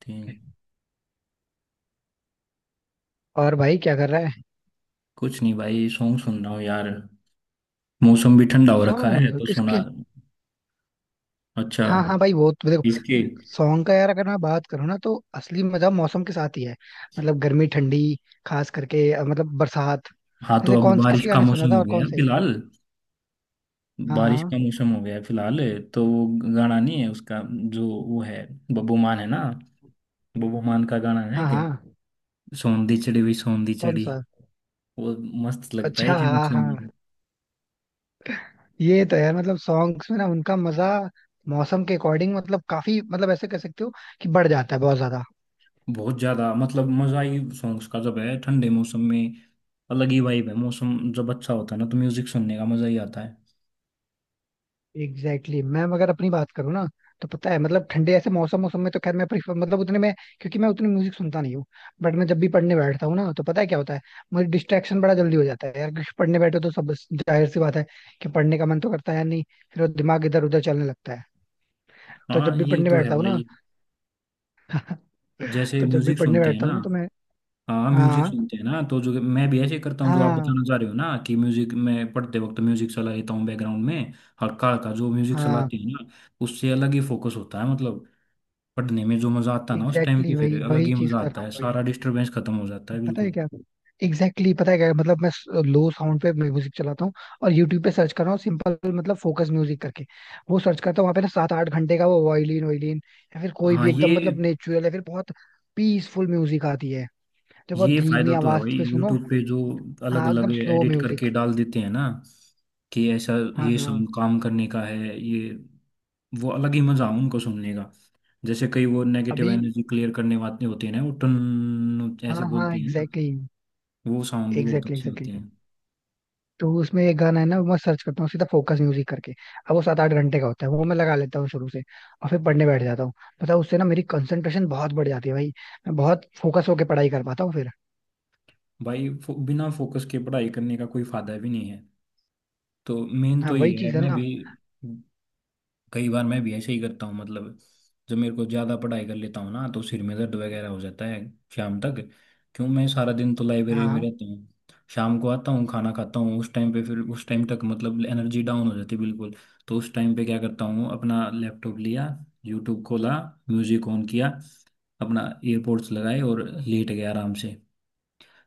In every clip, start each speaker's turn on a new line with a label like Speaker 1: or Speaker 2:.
Speaker 1: तीन।
Speaker 2: और भाई क्या कर रहा है.
Speaker 1: कुछ नहीं भाई, सॉन्ग सुन रहा हूँ यार। मौसम भी ठंडा हो रखा है
Speaker 2: सॉन्ग
Speaker 1: तो सुना।
Speaker 2: किसके.
Speaker 1: अच्छा।
Speaker 2: हाँ हाँ भाई वो तो देखो.
Speaker 1: इसके।
Speaker 2: सॉन्ग का यार अगर मैं बात करूँ ना तो असली मजा मौसम के साथ ही है. मतलब गर्मी ठंडी, खास करके मतलब बरसात.
Speaker 1: हाँ, तो
Speaker 2: जैसे
Speaker 1: अब
Speaker 2: कौन
Speaker 1: बारिश
Speaker 2: किसके
Speaker 1: का
Speaker 2: गाने सुना
Speaker 1: मौसम
Speaker 2: था
Speaker 1: हो
Speaker 2: और
Speaker 1: गया
Speaker 2: कौन
Speaker 1: है
Speaker 2: से.
Speaker 1: फिलहाल।
Speaker 2: हाँ
Speaker 1: बारिश
Speaker 2: हाँ.
Speaker 1: का मौसम हो गया है फिलहाल। तो वो गाना नहीं है उसका? जो वो है, बब्बू मान है ना, बब्बू मान का गाना है
Speaker 2: हाँ
Speaker 1: कि
Speaker 2: हाँ.
Speaker 1: सौंधी चिड़ी हुई सौंधी
Speaker 2: कौन
Speaker 1: चिड़ी,
Speaker 2: सा.
Speaker 1: वो मस्त लगता है
Speaker 2: अच्छा
Speaker 1: ये
Speaker 2: हाँ
Speaker 1: मौसम
Speaker 2: हाँ.
Speaker 1: में।
Speaker 2: ये तो यार मतलब सॉन्ग्स में ना उनका मजा मौसम के अकॉर्डिंग, मतलब काफी, मतलब ऐसे कह सकते हो कि बढ़ जाता है बहुत ज्यादा.
Speaker 1: बहुत ज्यादा मतलब मजा ही सॉन्ग्स का जब है ठंडे मौसम में। अलग ही वाइब है, मौसम जब अच्छा होता है ना तो म्यूजिक सुनने का मजा ही आता है।
Speaker 2: Exactly exactly. मैं अगर अपनी बात करूँ ना तो पता है मतलब ठंडे ऐसे मौसम मौसम में तो खैर मैं प्रीफर मतलब उतने में, क्योंकि मैं उतनी म्यूजिक सुनता नहीं हूँ. बट मैं जब भी पढ़ने बैठता हूँ ना तो पता है क्या होता है. मुझे डिस्ट्रैक्शन बड़ा जल्दी हो जाता है यार, क्योंकि पढ़ने बैठो तो सब जाहिर सी बात है कि पढ़ने का मन तो करता है नहीं. फिर वो दिमाग इधर उधर चलने लगता है. तो
Speaker 1: हाँ,
Speaker 2: जब भी
Speaker 1: ये
Speaker 2: पढ़ने
Speaker 1: तो है
Speaker 2: बैठता हूँ ना,
Speaker 1: भाई। जैसे म्यूजिक सुनते हैं ना,
Speaker 2: तो मैं.
Speaker 1: हाँ म्यूजिक
Speaker 2: हाँ.
Speaker 1: सुनते हैं ना तो जो मैं भी ऐसे करता हूँ, जो आप
Speaker 2: हाँ.
Speaker 1: बताना चाह रहे हो ना, कि म्यूजिक, मैं पढ़ते वक्त म्यूजिक चला लेता हूँ बैकग्राउंड में। हल्का हल्का जो म्यूजिक
Speaker 2: हाँ.
Speaker 1: चलाते हैं ना, उससे अलग ही फोकस होता है मतलब। पढ़ने में जो मजा आता है ना उस टाइम
Speaker 2: एग्जैक्टली exactly
Speaker 1: पे,
Speaker 2: वही
Speaker 1: फिर अलग
Speaker 2: वही
Speaker 1: ही
Speaker 2: चीज
Speaker 1: मजा
Speaker 2: कर रहा
Speaker 1: आता
Speaker 2: हूँ
Speaker 1: है,
Speaker 2: भाई.
Speaker 1: सारा डिस्टरबेंस खत्म हो जाता है
Speaker 2: पता है
Speaker 1: बिल्कुल।
Speaker 2: क्या. एग्जैक्टली exactly, पता है क्या, मतलब मैं लो साउंड पे म्यूजिक चलाता हूँ और यूट्यूब पे सर्च कर रहा हूँ सिंपल, मतलब फोकस म्यूजिक करके. वो सर्च करता हूँ वहां पे ना सात आठ घंटे का, वो वायलिन वायलिन या फिर कोई
Speaker 1: हाँ
Speaker 2: भी एकदम
Speaker 1: ये
Speaker 2: मतलब नेचुरल या फिर बहुत पीसफुल म्यूजिक आती है, जो बहुत
Speaker 1: ये
Speaker 2: धीमी
Speaker 1: फायदा तो है
Speaker 2: आवाज
Speaker 1: भाई
Speaker 2: पे सुनो.
Speaker 1: यूट्यूब पे, जो
Speaker 2: और-
Speaker 1: अलग
Speaker 2: हाँ एकदम
Speaker 1: अलग
Speaker 2: स्लो
Speaker 1: एडिट
Speaker 2: म्यूजिक.
Speaker 1: करके डाल देते हैं ना कि ऐसा
Speaker 2: हाँ
Speaker 1: ये
Speaker 2: हाँ.
Speaker 1: सॉन्ग काम करने का है, ये वो अलग ही मजा उनको सुनने का। जैसे कई वो
Speaker 2: अभी.
Speaker 1: नेगेटिव एनर्जी क्लियर करने वाले होते हैं ना, वो टन ऐसे
Speaker 2: हाँ हाँ
Speaker 1: बोलते हैं ना,
Speaker 2: एग्जैक्टली
Speaker 1: वो साउंड भी बहुत
Speaker 2: एग्जैक्टली
Speaker 1: अच्छे होते
Speaker 2: एग्जैक्टली.
Speaker 1: हैं।
Speaker 2: तो उसमें एक गाना है ना, वो मैं सर्च करता हूँ सीधा फोकस म्यूजिक करके. अब वो सात आठ घंटे का होता है, वो मैं लगा लेता हूँ शुरू से और फिर पढ़ने बैठ जाता हूँ. पता है उससे ना मेरी कंसंट्रेशन बहुत बढ़ जाती है भाई. मैं बहुत फोकस होके पढ़ाई कर पाता हूँ फिर.
Speaker 1: बिना फोकस के पढ़ाई करने का कोई फायदा भी नहीं है। तो मेन
Speaker 2: हाँ
Speaker 1: तो ये
Speaker 2: वही
Speaker 1: है,
Speaker 2: चीज है
Speaker 1: मैं भी
Speaker 2: ना.
Speaker 1: कई बार मैं भी ऐसे ही करता हूँ मतलब। जब मेरे को ज़्यादा पढ़ाई कर लेता हूँ ना, तो सिर में दर्द वगैरह हो जाता है शाम तक। क्यों, मैं सारा दिन तो लाइब्रेरी में
Speaker 2: हाँ.
Speaker 1: रहता हूँ, शाम को आता हूँ, खाना खाता हूँ, उस टाइम पे फिर उस टाइम तक मतलब एनर्जी डाउन हो जाती है बिल्कुल। तो उस टाइम पे क्या करता हूँ, अपना लैपटॉप लिया, यूट्यूब खोला, म्यूजिक ऑन किया, अपना एयरपोर्ट्स लगाए और लेट गया आराम से।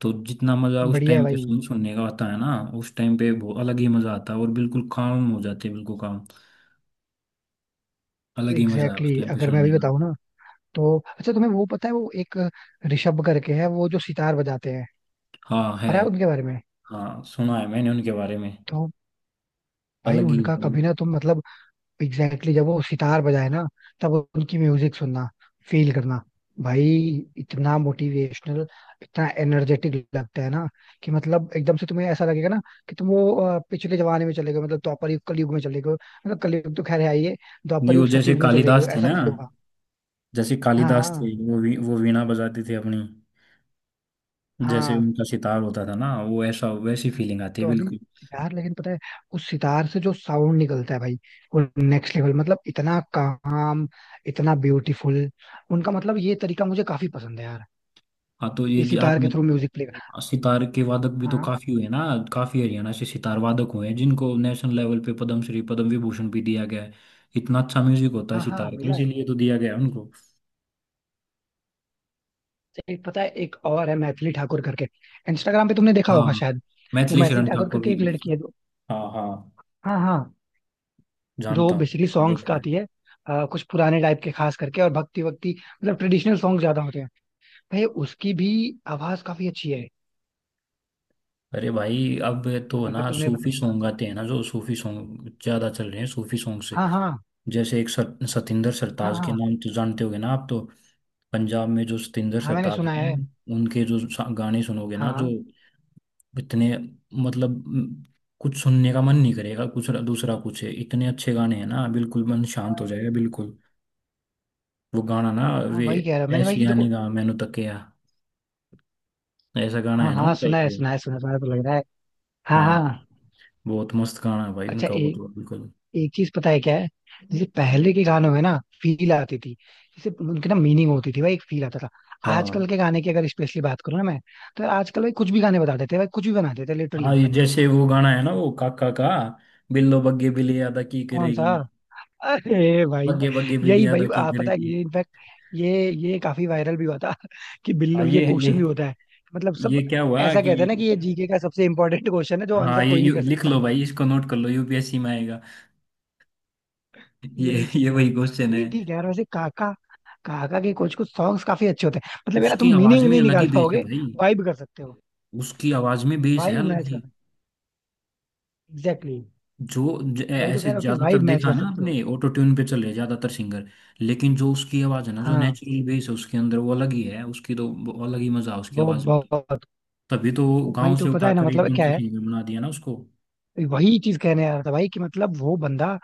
Speaker 1: तो जितना मज़ा उस
Speaker 2: बढ़िया है
Speaker 1: टाइम पे
Speaker 2: भाई.
Speaker 1: सुनने का आता है ना, उस टाइम पे वो अलग ही मज़ा आता है और बिल्कुल काम हो जाते हैं बिल्कुल काम। अलग ही मजा है
Speaker 2: एग्जैक्टली
Speaker 1: उस
Speaker 2: exactly.
Speaker 1: टाइम पे
Speaker 2: अगर मैं
Speaker 1: सुनने
Speaker 2: अभी
Speaker 1: का।
Speaker 2: बताऊँ ना तो अच्छा तुम्हें वो पता है, वो एक ऋषभ करके है वो जो सितार बजाते हैं.
Speaker 1: हाँ, है।
Speaker 2: पता है उनके बारे में.
Speaker 1: हाँ, सुना है मैंने उनके बारे में।
Speaker 2: तो भाई
Speaker 1: अलग ही है
Speaker 2: उनका
Speaker 1: वो।
Speaker 2: कभी ना तुम मतलब. एग्जैक्टली exactly, जब वो सितार बजाए ना तब उनकी म्यूजिक सुनना, फील करना भाई. इतना मोटिवेशनल, इतना एनर्जेटिक लगता है ना कि मतलब एकदम से तुम्हें ऐसा लगेगा ना कि तुम वो पिछले जमाने में चले गए, मतलब द्वापर युग कलयुग में चले गए, मतलब कलयुग तो खैर है ही है. द्वापर
Speaker 1: नहीं, वो
Speaker 2: युग
Speaker 1: जैसे
Speaker 2: सतयुग में चले गए
Speaker 1: कालिदास थे
Speaker 2: ऐसा
Speaker 1: ना,
Speaker 2: फील होगा.
Speaker 1: जैसे
Speaker 2: हाँ.
Speaker 1: कालिदास थे,
Speaker 2: हाँ.
Speaker 1: वो वीणा बजाते थे अपनी, जैसे
Speaker 2: हाँ
Speaker 1: उनका सितार होता था ना वो, ऐसा वैसी फीलिंग आती है
Speaker 2: तो अभी
Speaker 1: बिल्कुल।
Speaker 2: यार लेकिन पता है, उस सितार से जो साउंड निकलता है भाई, वो नेक्स्ट लेवल, मतलब इतना काम, इतना ब्यूटीफुल. उनका मतलब ये तरीका मुझे काफी पसंद है यार,
Speaker 1: हाँ, तो ये
Speaker 2: इसी
Speaker 1: जो
Speaker 2: तार के
Speaker 1: आपने
Speaker 2: थ्रू म्यूजिक प्ले कर.
Speaker 1: सितार के वादक भी तो
Speaker 2: हाँ.
Speaker 1: काफी हुए ना। काफी हरियाणा से सितार वादक हुए हैं, जिनको नेशनल लेवल पे पद्मश्री पद्म विभूषण भी दिया गया है। इतना अच्छा म्यूजिक होता है
Speaker 2: हाँ हाँ
Speaker 1: सितार का,
Speaker 2: मिला है.
Speaker 1: इसीलिए तो दिया गया है उनको।
Speaker 2: एक पता है, एक और है मैथिली ठाकुर करके, इंस्टाग्राम पे तुमने देखा
Speaker 1: हाँ,
Speaker 2: होगा शायद. वो
Speaker 1: मैथिली
Speaker 2: मैथिली
Speaker 1: शरण
Speaker 2: ठाकुर
Speaker 1: ठाकुर
Speaker 2: करके
Speaker 1: भी।
Speaker 2: एक लड़की है जो,
Speaker 1: हाँ हाँ,
Speaker 2: हाँ हाँ, जो
Speaker 1: जानता
Speaker 2: बेसिकली
Speaker 1: हूँ,
Speaker 2: सॉन्ग्स
Speaker 1: देखा है।
Speaker 2: गाती है. कुछ पुराने टाइप के खास करके, और भक्ति वक्ति मतलब ट्रेडिशनल सॉन्ग ज्यादा होते हैं. भाई उसकी भी आवाज काफी अच्छी है.
Speaker 1: अरे भाई, अब तो
Speaker 2: अगर
Speaker 1: ना
Speaker 2: तुमने
Speaker 1: सूफी
Speaker 2: मतलब ध्यान
Speaker 1: सॉन्ग
Speaker 2: से
Speaker 1: आते हैं
Speaker 2: नोटिस.
Speaker 1: ना, जो सूफी सॉन्ग ज्यादा चल रहे हैं सूफी सॉन्ग से।
Speaker 2: हाँ हाँ.
Speaker 1: जैसे सतिंदर
Speaker 2: हाँ
Speaker 1: सरताज के
Speaker 2: हाँ.
Speaker 1: नाम तो जानते होगे ना आप तो। पंजाब में जो सतिंदर
Speaker 2: हाँ मैंने
Speaker 1: सरताज
Speaker 2: सुना
Speaker 1: हैं,
Speaker 2: है.
Speaker 1: उनके जो सा- गाने सुनोगे ना, जो
Speaker 2: हाँ.
Speaker 1: इतने, मतलब म, कुछ सुनने का मन नहीं करेगा, कुछ दूसरा कुछ है। इतने अच्छे गाने हैं ना, बिल्कुल मन शांत हो जाएगा बिल्कुल। वो गाना ना,
Speaker 2: हाँ
Speaker 1: वे
Speaker 2: वही कह रहा मैंने
Speaker 1: ऐसी
Speaker 2: भाई देखो.
Speaker 1: यानी गा मैनू तकिया, ऐसा गाना
Speaker 2: हाँ
Speaker 1: है ना
Speaker 2: हाँ
Speaker 1: उनका
Speaker 2: सुना
Speaker 1: एक
Speaker 2: है
Speaker 1: ये।
Speaker 2: सुना है, सुना सुना तो लग रहा है. हाँ
Speaker 1: हाँ,
Speaker 2: हाँ.
Speaker 1: बहुत मस्त गाना है भाई
Speaker 2: अच्छा
Speaker 1: उनका वो तो बिल्कुल।
Speaker 2: एक चीज पता है क्या है, जैसे पहले के गानों में ना फील आती थी, जैसे उनके ना मीनिंग होती थी भाई, एक फील आता था.
Speaker 1: हाँ
Speaker 2: आजकल के गाने की अगर स्पेशली बात करूँ ना मैं, तो आजकल भाई कुछ भी गाने बता देते हैं भाई, कुछ भी बना देते हैं
Speaker 1: हाँ,
Speaker 2: लिटरली.
Speaker 1: ये जैसे वो गाना है ना वो काका का, बिल्लो बग्गे बिल्ली अदा की
Speaker 2: कौन सा.
Speaker 1: करेगी,
Speaker 2: अरे भाई.
Speaker 1: बग्गे बग्गे बिल्ली
Speaker 2: यही भाई,
Speaker 1: अदा की
Speaker 2: पता है
Speaker 1: करेगी।
Speaker 2: ये इनफैक्ट ये काफी वायरल भी हुआ था कि
Speaker 1: हाँ
Speaker 2: बिल्लो
Speaker 1: ये
Speaker 2: ये
Speaker 1: ये
Speaker 2: क्वेश्चन भी होता है. मतलब
Speaker 1: ये
Speaker 2: सब
Speaker 1: क्या हुआ
Speaker 2: ऐसा
Speaker 1: कि।
Speaker 2: कहते हैं ना कि ये जीके का सबसे इम्पोर्टेंट क्वेश्चन है जो
Speaker 1: हाँ
Speaker 2: आंसर
Speaker 1: ये
Speaker 2: कोई नहीं
Speaker 1: यू,
Speaker 2: कर
Speaker 1: लिख
Speaker 2: सकता.
Speaker 1: लो भाई इसको, नोट कर लो, यूपीएससी में आएगा। ये
Speaker 2: यही
Speaker 1: ये
Speaker 2: चीज है
Speaker 1: वही
Speaker 2: भाई.
Speaker 1: क्वेश्चन है।
Speaker 2: नहीं ठीक है यार, वैसे काका, काका के कुछ कुछ सॉन्ग्स काफी अच्छे होते हैं. मतलब यार
Speaker 1: उसकी
Speaker 2: तुम
Speaker 1: आवाज
Speaker 2: मीनिंग
Speaker 1: में
Speaker 2: नहीं
Speaker 1: अलग
Speaker 2: निकाल
Speaker 1: ही बेस है
Speaker 2: पाओगे,
Speaker 1: भाई।
Speaker 2: वाइब कर सकते हो,
Speaker 1: उसकी आवाज में बेस है
Speaker 2: वाइब
Speaker 1: अलग
Speaker 2: मैच कर
Speaker 1: ही।
Speaker 2: सकते हो. Exactly exactly. वही तो कह
Speaker 1: ऐसे
Speaker 2: रहा हूँ कि
Speaker 1: ज्यादातर
Speaker 2: वाइब मैच
Speaker 1: देखा है
Speaker 2: कर
Speaker 1: ना
Speaker 2: सकते हो.
Speaker 1: आपने, ऑटो ट्यून पे चले ज्यादातर सिंगर। लेकिन जो उसकी आवाज है ना, जो
Speaker 2: हाँ
Speaker 1: नेचुरल बेस है उसके अंदर, वो अलग ही है उसकी, तो वो अलग ही मजा है उसकी
Speaker 2: वो
Speaker 1: आवाज में तो।
Speaker 2: बहुत.
Speaker 1: तभी तो वो
Speaker 2: वही
Speaker 1: गांव से
Speaker 2: तो पता है ना,
Speaker 1: उठाकर
Speaker 2: मतलब
Speaker 1: एकदम
Speaker 2: क्या
Speaker 1: से
Speaker 2: है.
Speaker 1: सिंगर बना दिया ना उसको।
Speaker 2: वही चीज कहने आ रहा था भाई कि मतलब वो बंदा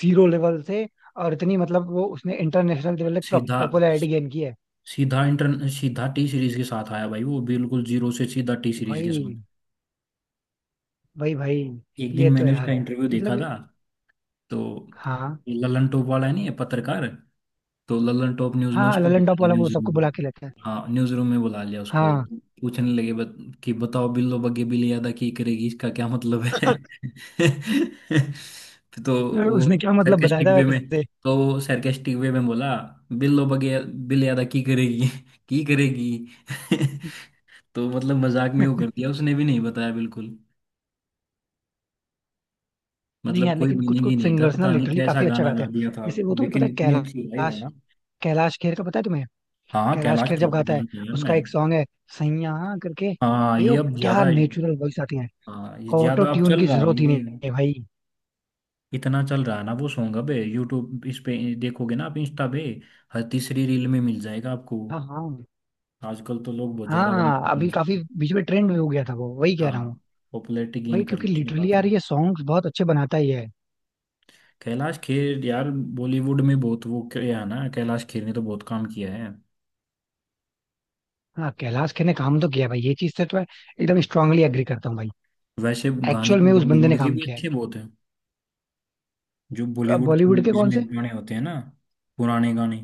Speaker 2: जीरो लेवल से, और इतनी मतलब वो उसने इंटरनेशनल लेवल तक
Speaker 1: सीधा
Speaker 2: पॉपुलैरिटी गेन की है.
Speaker 1: सीधा इंटर सीधा टी सीरीज के साथ आया भाई वो, बिल्कुल जीरो से सीधा टी सीरीज के
Speaker 2: भाई.
Speaker 1: साथ।
Speaker 2: भाई भाई.
Speaker 1: एक दिन
Speaker 2: ये तो
Speaker 1: मैंने उसका
Speaker 2: यार
Speaker 1: इंटरव्यू देखा
Speaker 2: मतलब.
Speaker 1: था। तो
Speaker 2: हाँ.
Speaker 1: ललन टॉप वाला है नहीं ये पत्रकार, तो ललन टॉप न्यूज में
Speaker 2: हाँ
Speaker 1: उसको
Speaker 2: ललन
Speaker 1: बुला
Speaker 2: टॉप
Speaker 1: लिया
Speaker 2: वाला वो
Speaker 1: न्यूज रूम
Speaker 2: सबको
Speaker 1: में।
Speaker 2: बुला के लेता है.
Speaker 1: हाँ, न्यूज रूम में बुला लिया उसको।
Speaker 2: हाँ.
Speaker 1: पूछने लगे बत, कि बताओ बिल्लो बग्गे बिल्ली अदा की करेगी, इसका क्या मतलब है? तो वो
Speaker 2: उसने क्या मतलब बताया
Speaker 1: सरकेस्टिक
Speaker 2: था
Speaker 1: वे में,
Speaker 2: वैसे.
Speaker 1: तो वो सरकेस्टिक वे में बोला, बिल्लो बग्गे बिल्ली अदा की करेगी की करेगी। तो मतलब मजाक में वो कर दिया उसने, भी नहीं बताया बिल्कुल।
Speaker 2: नहीं
Speaker 1: मतलब
Speaker 2: यार,
Speaker 1: कोई
Speaker 2: लेकिन कुछ
Speaker 1: मीनिंग ही
Speaker 2: कुछ
Speaker 1: नहीं था,
Speaker 2: सिंगर्स ना
Speaker 1: पता नहीं
Speaker 2: लिटरली
Speaker 1: कैसा
Speaker 2: काफी अच्छा
Speaker 1: गाना
Speaker 2: गाते
Speaker 1: गा
Speaker 2: हैं.
Speaker 1: दिया था।
Speaker 2: जैसे वो तुम्हें पता
Speaker 1: लेकिन
Speaker 2: है
Speaker 1: इतनी अच्छी लाइव है
Speaker 2: कैलाश,
Speaker 1: ना।
Speaker 2: कैलाश खेर का पता है तुम्हें.
Speaker 1: हाँ,
Speaker 2: कैलाश
Speaker 1: कैलाश
Speaker 2: खेर
Speaker 1: खेर
Speaker 2: जब
Speaker 1: के
Speaker 2: गाता है,
Speaker 1: गाने का यार मैं।
Speaker 2: उसका एक सॉन्ग है सैया करके,
Speaker 1: हाँ,
Speaker 2: भाई
Speaker 1: ये
Speaker 2: वो
Speaker 1: अब
Speaker 2: क्या
Speaker 1: ज्यादा,
Speaker 2: नेचुरल वॉइस आती है.
Speaker 1: हाँ ये
Speaker 2: ऑटो
Speaker 1: ज्यादा अब
Speaker 2: ट्यून
Speaker 1: चल
Speaker 2: की
Speaker 1: रहा है
Speaker 2: जरूरत ही नहीं
Speaker 1: ये।
Speaker 2: है भाई.
Speaker 1: इतना चल रहा है ना वो सॉन्ग, अब यूट्यूब इस पे देखोगे ना आप, इंस्टा पे हर तीसरी रील में मिल जाएगा आपको।
Speaker 2: हाँ. हाँ.
Speaker 1: आजकल तो लोग बहुत ज्यादा वाइब कर
Speaker 2: हाँ
Speaker 1: रहे हैं
Speaker 2: अभी
Speaker 1: इस
Speaker 2: काफी
Speaker 1: पे।
Speaker 2: बीच में ट्रेंड में हो गया था वो, वही कह रहा हूँ
Speaker 1: हाँ, पॉपुलैरिटी
Speaker 2: भाई,
Speaker 1: गेन कर
Speaker 2: क्योंकि
Speaker 1: ली इसने
Speaker 2: लिटरली यार
Speaker 1: काफी।
Speaker 2: ये सॉन्ग्स बहुत अच्छे बनाता ही है.
Speaker 1: कैलाश खेर यार, बॉलीवुड में बहुत वो किया है ना कैलाश खेर ने तो, बहुत काम किया है।
Speaker 2: हाँ कैलाश खेर ने काम तो किया भाई, ये चीज से तो मैं एकदम स्ट्रांगली एग्री करता हूँ भाई.
Speaker 1: वैसे गाने
Speaker 2: एक्चुअल
Speaker 1: तो
Speaker 2: में उस बंदे ने
Speaker 1: बॉलीवुड के
Speaker 2: काम
Speaker 1: भी
Speaker 2: किया
Speaker 1: अच्छे बहुत हैं, जो
Speaker 2: है.
Speaker 1: बॉलीवुड की
Speaker 2: बॉलीवुड के
Speaker 1: मूवीज
Speaker 2: कौन
Speaker 1: में
Speaker 2: से.
Speaker 1: गाने होते हैं ना, पुराने गाने,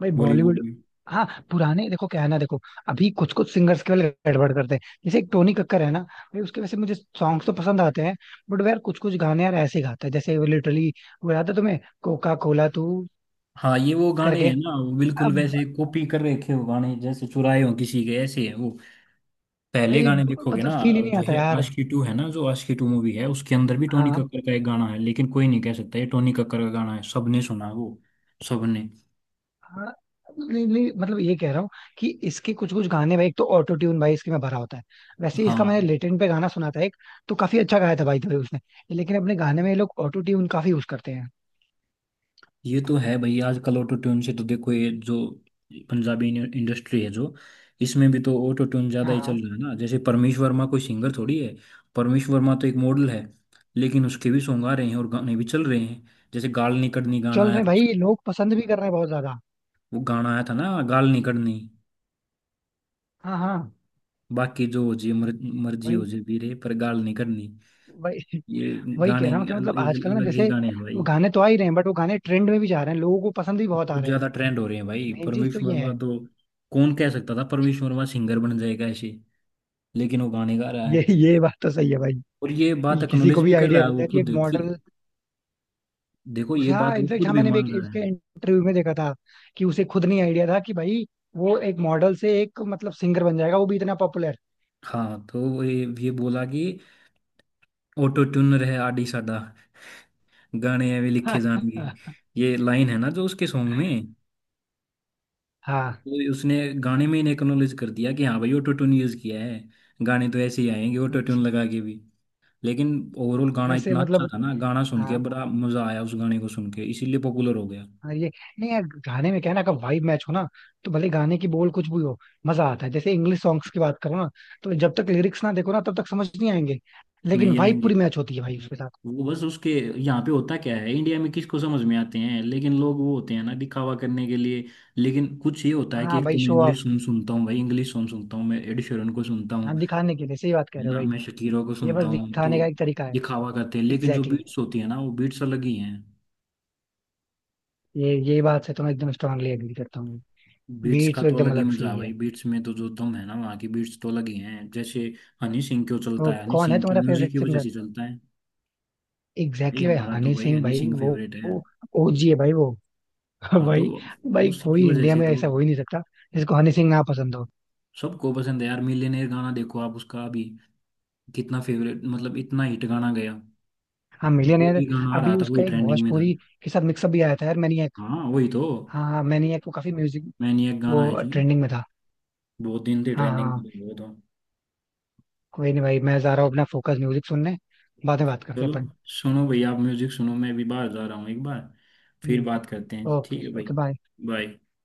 Speaker 2: भाई
Speaker 1: बॉलीवुड
Speaker 2: बॉलीवुड.
Speaker 1: में।
Speaker 2: हाँ पुराने देखो क्या है ना, देखो अभी कुछ कुछ सिंगर्स केवल गड़बड़ करते हैं. जैसे एक टोनी कक्कर है ना भाई, उसके वैसे मुझे सॉन्ग्स तो पसंद आते हैं, बट यार कुछ कुछ गाने यार ऐसे ही गाता है जैसे वो लिटरली. वो याद है तुम्हें कोका कोला तू
Speaker 1: हाँ, ये वो गाने
Speaker 2: करके.
Speaker 1: हैं ना वो, बिल्कुल
Speaker 2: अब
Speaker 1: वैसे कॉपी कर रखे हो गाने, जैसे चुराए हो किसी के, ऐसे है वो। पहले
Speaker 2: भाई
Speaker 1: गाने देखोगे
Speaker 2: मतलब
Speaker 1: ना,
Speaker 2: फील ही नहीं
Speaker 1: जो
Speaker 2: आता
Speaker 1: है
Speaker 2: यार.
Speaker 1: आशिकी टू है ना, जो आशिकी टू मूवी है उसके अंदर भी टोनी
Speaker 2: हाँ.
Speaker 1: कक्कर का एक गाना है, लेकिन कोई नहीं कह सकता ये टोनी कक्कर का गाना है। सबने सुना है वो, सबने।
Speaker 2: हाँ. नहीं, नहीं, मतलब ये कह रहा हूँ कि इसके कुछ कुछ गाने भाई, एक तो ऑटो ट्यून भाई इसके में भरा होता है. वैसे ही इसका मैंने
Speaker 1: हाँ
Speaker 2: लेटेंट पे गाना सुना था एक, तो काफी अच्छा गाया था भाई तो उसने, लेकिन अपने गाने में ये लोग ऑटो ट्यून काफी यूज करते हैं.
Speaker 1: ये तो है भाई, आजकल ऑटो ट्यून से तो देखो, ये जो पंजाबी इंडस्ट्री है जो, इसमें भी तो ऑटो ट्यून ज्यादा
Speaker 2: हाँ.
Speaker 1: ही चल
Speaker 2: हाँ.
Speaker 1: रहा है ना। जैसे परमेश वर्मा, कोई सिंगर थोड़ी है, परमेश वर्मा तो एक मॉडल है। लेकिन उसके भी सॉन्ग आ रहे हैं और गाने भी चल रहे हैं। जैसे गाल निकड़नी
Speaker 2: चल
Speaker 1: गाना
Speaker 2: रहे
Speaker 1: आया
Speaker 2: हैं
Speaker 1: था,
Speaker 2: भाई, लोग पसंद भी कर रहे हैं बहुत ज्यादा.
Speaker 1: वो गाना आया था ना गाल निकड़नी,
Speaker 2: हाँ. हाँ.
Speaker 1: बाकी जो हो जी मर्जी हो
Speaker 2: वही
Speaker 1: जी वीरे पर गाल नहीं करनी।
Speaker 2: वही
Speaker 1: ये
Speaker 2: वही
Speaker 1: गाने,
Speaker 2: कह रहा हूँ कि
Speaker 1: अल-
Speaker 2: मतलब
Speaker 1: एक
Speaker 2: आजकल ना
Speaker 1: अलग ही
Speaker 2: जैसे
Speaker 1: गाने हैं भाई।
Speaker 2: वो गाने तो आ ही रहे हैं, बट वो गाने ट्रेंड में भी जा रहे हैं, लोगों को पसंद भी बहुत आ
Speaker 1: बहुत
Speaker 2: रहे हैं.
Speaker 1: ज्यादा ट्रेंड हो रहे हैं भाई
Speaker 2: मेन चीज तो
Speaker 1: परवेश
Speaker 2: ये
Speaker 1: वर्मा
Speaker 2: है.
Speaker 1: तो। कौन कह सकता था परवेश वर्मा सिंगर बन जाएगा ऐसे, लेकिन वो गाने गा रहा है।
Speaker 2: ये बात तो सही है भाई,
Speaker 1: और ये बात
Speaker 2: कि किसी को
Speaker 1: एक्नोलेज
Speaker 2: भी
Speaker 1: भी कर रहा
Speaker 2: आइडिया
Speaker 1: है
Speaker 2: नहीं
Speaker 1: वो
Speaker 2: था कि एक
Speaker 1: खुद कि,
Speaker 2: मॉडल.
Speaker 1: देखो ये
Speaker 2: उसे हाँ
Speaker 1: बात वो
Speaker 2: इनफेक्ट,
Speaker 1: खुद
Speaker 2: हाँ
Speaker 1: भी
Speaker 2: मैंने भी
Speaker 1: मान रहा है।
Speaker 2: इसके इंटरव्यू में देखा था कि उसे खुद नहीं आइडिया था कि भाई वो एक मॉडल से एक मतलब सिंगर बन जाएगा, वो भी इतना पॉपुलर.
Speaker 1: हाँ, तो वो ये बोला कि ऑटो ट्यूनर है आडी साडा, गाने ऐवे लिखे जाएंगे। ये लाइन है ना जो उसके सॉन्ग में।
Speaker 2: हाँ.
Speaker 1: तो उसने गाने में ही एक्नॉलेज कर दिया कि हाँ भाई ऑटो ट्यून यूज किया है, गाने तो ऐसे ही आएंगे ऑटो ट्यून
Speaker 2: अच्छा.
Speaker 1: लगा के भी। लेकिन ओवरऑल गाना
Speaker 2: वैसे
Speaker 1: इतना अच्छा
Speaker 2: मतलब.
Speaker 1: था ना, गाना सुन के
Speaker 2: हाँ.
Speaker 1: बड़ा मजा आया उस गाने को सुन के, इसीलिए पॉपुलर हो गया।
Speaker 2: हाँ. ये. नहीं यार गाने में क्या है ना, अगर वाइब मैच हो ना तो भले गाने की बोल कुछ भी हो, मजा आता है. जैसे इंग्लिश सॉन्ग्स की बात करो ना, तो जब तक लिरिक्स ना देखो ना तब तक समझ नहीं आएंगे, लेकिन
Speaker 1: नहीं
Speaker 2: वाइब
Speaker 1: आएंगे,
Speaker 2: पूरी मैच होती है भाई उसके साथ.
Speaker 1: वो बस उसके, यहाँ पे होता क्या है इंडिया में, किसको समझ में आते हैं? लेकिन लोग वो होते हैं ना दिखावा करने के लिए। लेकिन कुछ ये होता है कि
Speaker 2: हाँ
Speaker 1: एक तो
Speaker 2: भाई
Speaker 1: मैं
Speaker 2: शो
Speaker 1: इंग्लिश
Speaker 2: ऑफ.
Speaker 1: सॉन्ग सुनता हूँ भाई, इंग्लिश सॉन्ग सुनता हूँ, मैं एड शेरन को सुनता
Speaker 2: हाँ
Speaker 1: हूँ,
Speaker 2: दिखाने के लिए, सही बात कह
Speaker 1: है
Speaker 2: रहे हो
Speaker 1: ना,
Speaker 2: भाई.
Speaker 1: मैं शकीरों को
Speaker 2: ये
Speaker 1: सुनता
Speaker 2: बस
Speaker 1: हूँ, तो
Speaker 2: दिखाने का एक तरीका है.
Speaker 1: दिखावा करते हैं, लेकिन जो
Speaker 2: एग्जैक्टली exactly.
Speaker 1: बीट्स होती है ना, वो बीट्स अलग ही हैं।
Speaker 2: ये बात से तो मैं एकदम स्ट्रांगली एग्री करता हूँ.
Speaker 1: बीट्स
Speaker 2: बीट
Speaker 1: का
Speaker 2: तो
Speaker 1: तो
Speaker 2: एकदम
Speaker 1: अलग ही
Speaker 2: अलग से
Speaker 1: मजा है
Speaker 2: ही
Speaker 1: भाई,
Speaker 2: है.
Speaker 1: बीट्स में तो जो दम है ना, वहाँ की बीट्स तो अलग ही हैं। जैसे हनी सिंह क्यों चलता
Speaker 2: तो
Speaker 1: है, हनी
Speaker 2: कौन है
Speaker 1: सिंह के
Speaker 2: तुम्हारा
Speaker 1: म्यूजिक
Speaker 2: फेवरेट
Speaker 1: की वजह
Speaker 2: सिंगर.
Speaker 1: से चलता है। भाई
Speaker 2: एग्जैक्टली भाई
Speaker 1: हमारा तो
Speaker 2: हनी
Speaker 1: भाई
Speaker 2: सिंह
Speaker 1: हनी
Speaker 2: भाई
Speaker 1: सिंह
Speaker 2: वो
Speaker 1: फेवरेट है।
Speaker 2: ओजी है भाई वो.
Speaker 1: हाँ तो
Speaker 2: भाई. भाई
Speaker 1: उसकी
Speaker 2: कोई
Speaker 1: वजह
Speaker 2: इंडिया
Speaker 1: से
Speaker 2: में
Speaker 1: तो,
Speaker 2: ऐसा हो ही नहीं सकता जिसको हनी सिंह ना पसंद हो.
Speaker 1: सबको पसंद है यार। मिलियनेयर गाना देखो आप उसका अभी, कितना फेवरेट मतलब, इतना हिट गाना गया।
Speaker 2: हाँ
Speaker 1: वो
Speaker 2: मिलियनेयर.
Speaker 1: भी गाना आ
Speaker 2: अभी
Speaker 1: रहा था, वही
Speaker 2: उसका एक
Speaker 1: ट्रेंडिंग में था।
Speaker 2: भोजपुरी के साथ मिक्सअप भी आया था यार, मैनिएक.
Speaker 1: हाँ वही तो,
Speaker 2: हाँ हाँ मैनिएक, वो काफी म्यूजिक,
Speaker 1: मैनिएक गाना
Speaker 2: वो
Speaker 1: है जो,
Speaker 2: ट्रेंडिंग में था.
Speaker 1: बहुत दिन से
Speaker 2: हाँ
Speaker 1: ट्रेंडिंग में
Speaker 2: हाँ.
Speaker 1: था वो तो।
Speaker 2: कोई नहीं भाई, मैं जा रहा हूँ अपना फोकस म्यूजिक सुनने, बाद में बात करते हैं
Speaker 1: चलो,
Speaker 2: अपन.
Speaker 1: सुनो भाई आप म्यूजिक सुनो, मैं अभी बाहर जा रहा हूँ एक बार, फिर
Speaker 2: ठीक है.
Speaker 1: बात करते हैं, ठीक
Speaker 2: ओके
Speaker 1: है
Speaker 2: ओके
Speaker 1: भाई।
Speaker 2: बाय.
Speaker 1: बाय।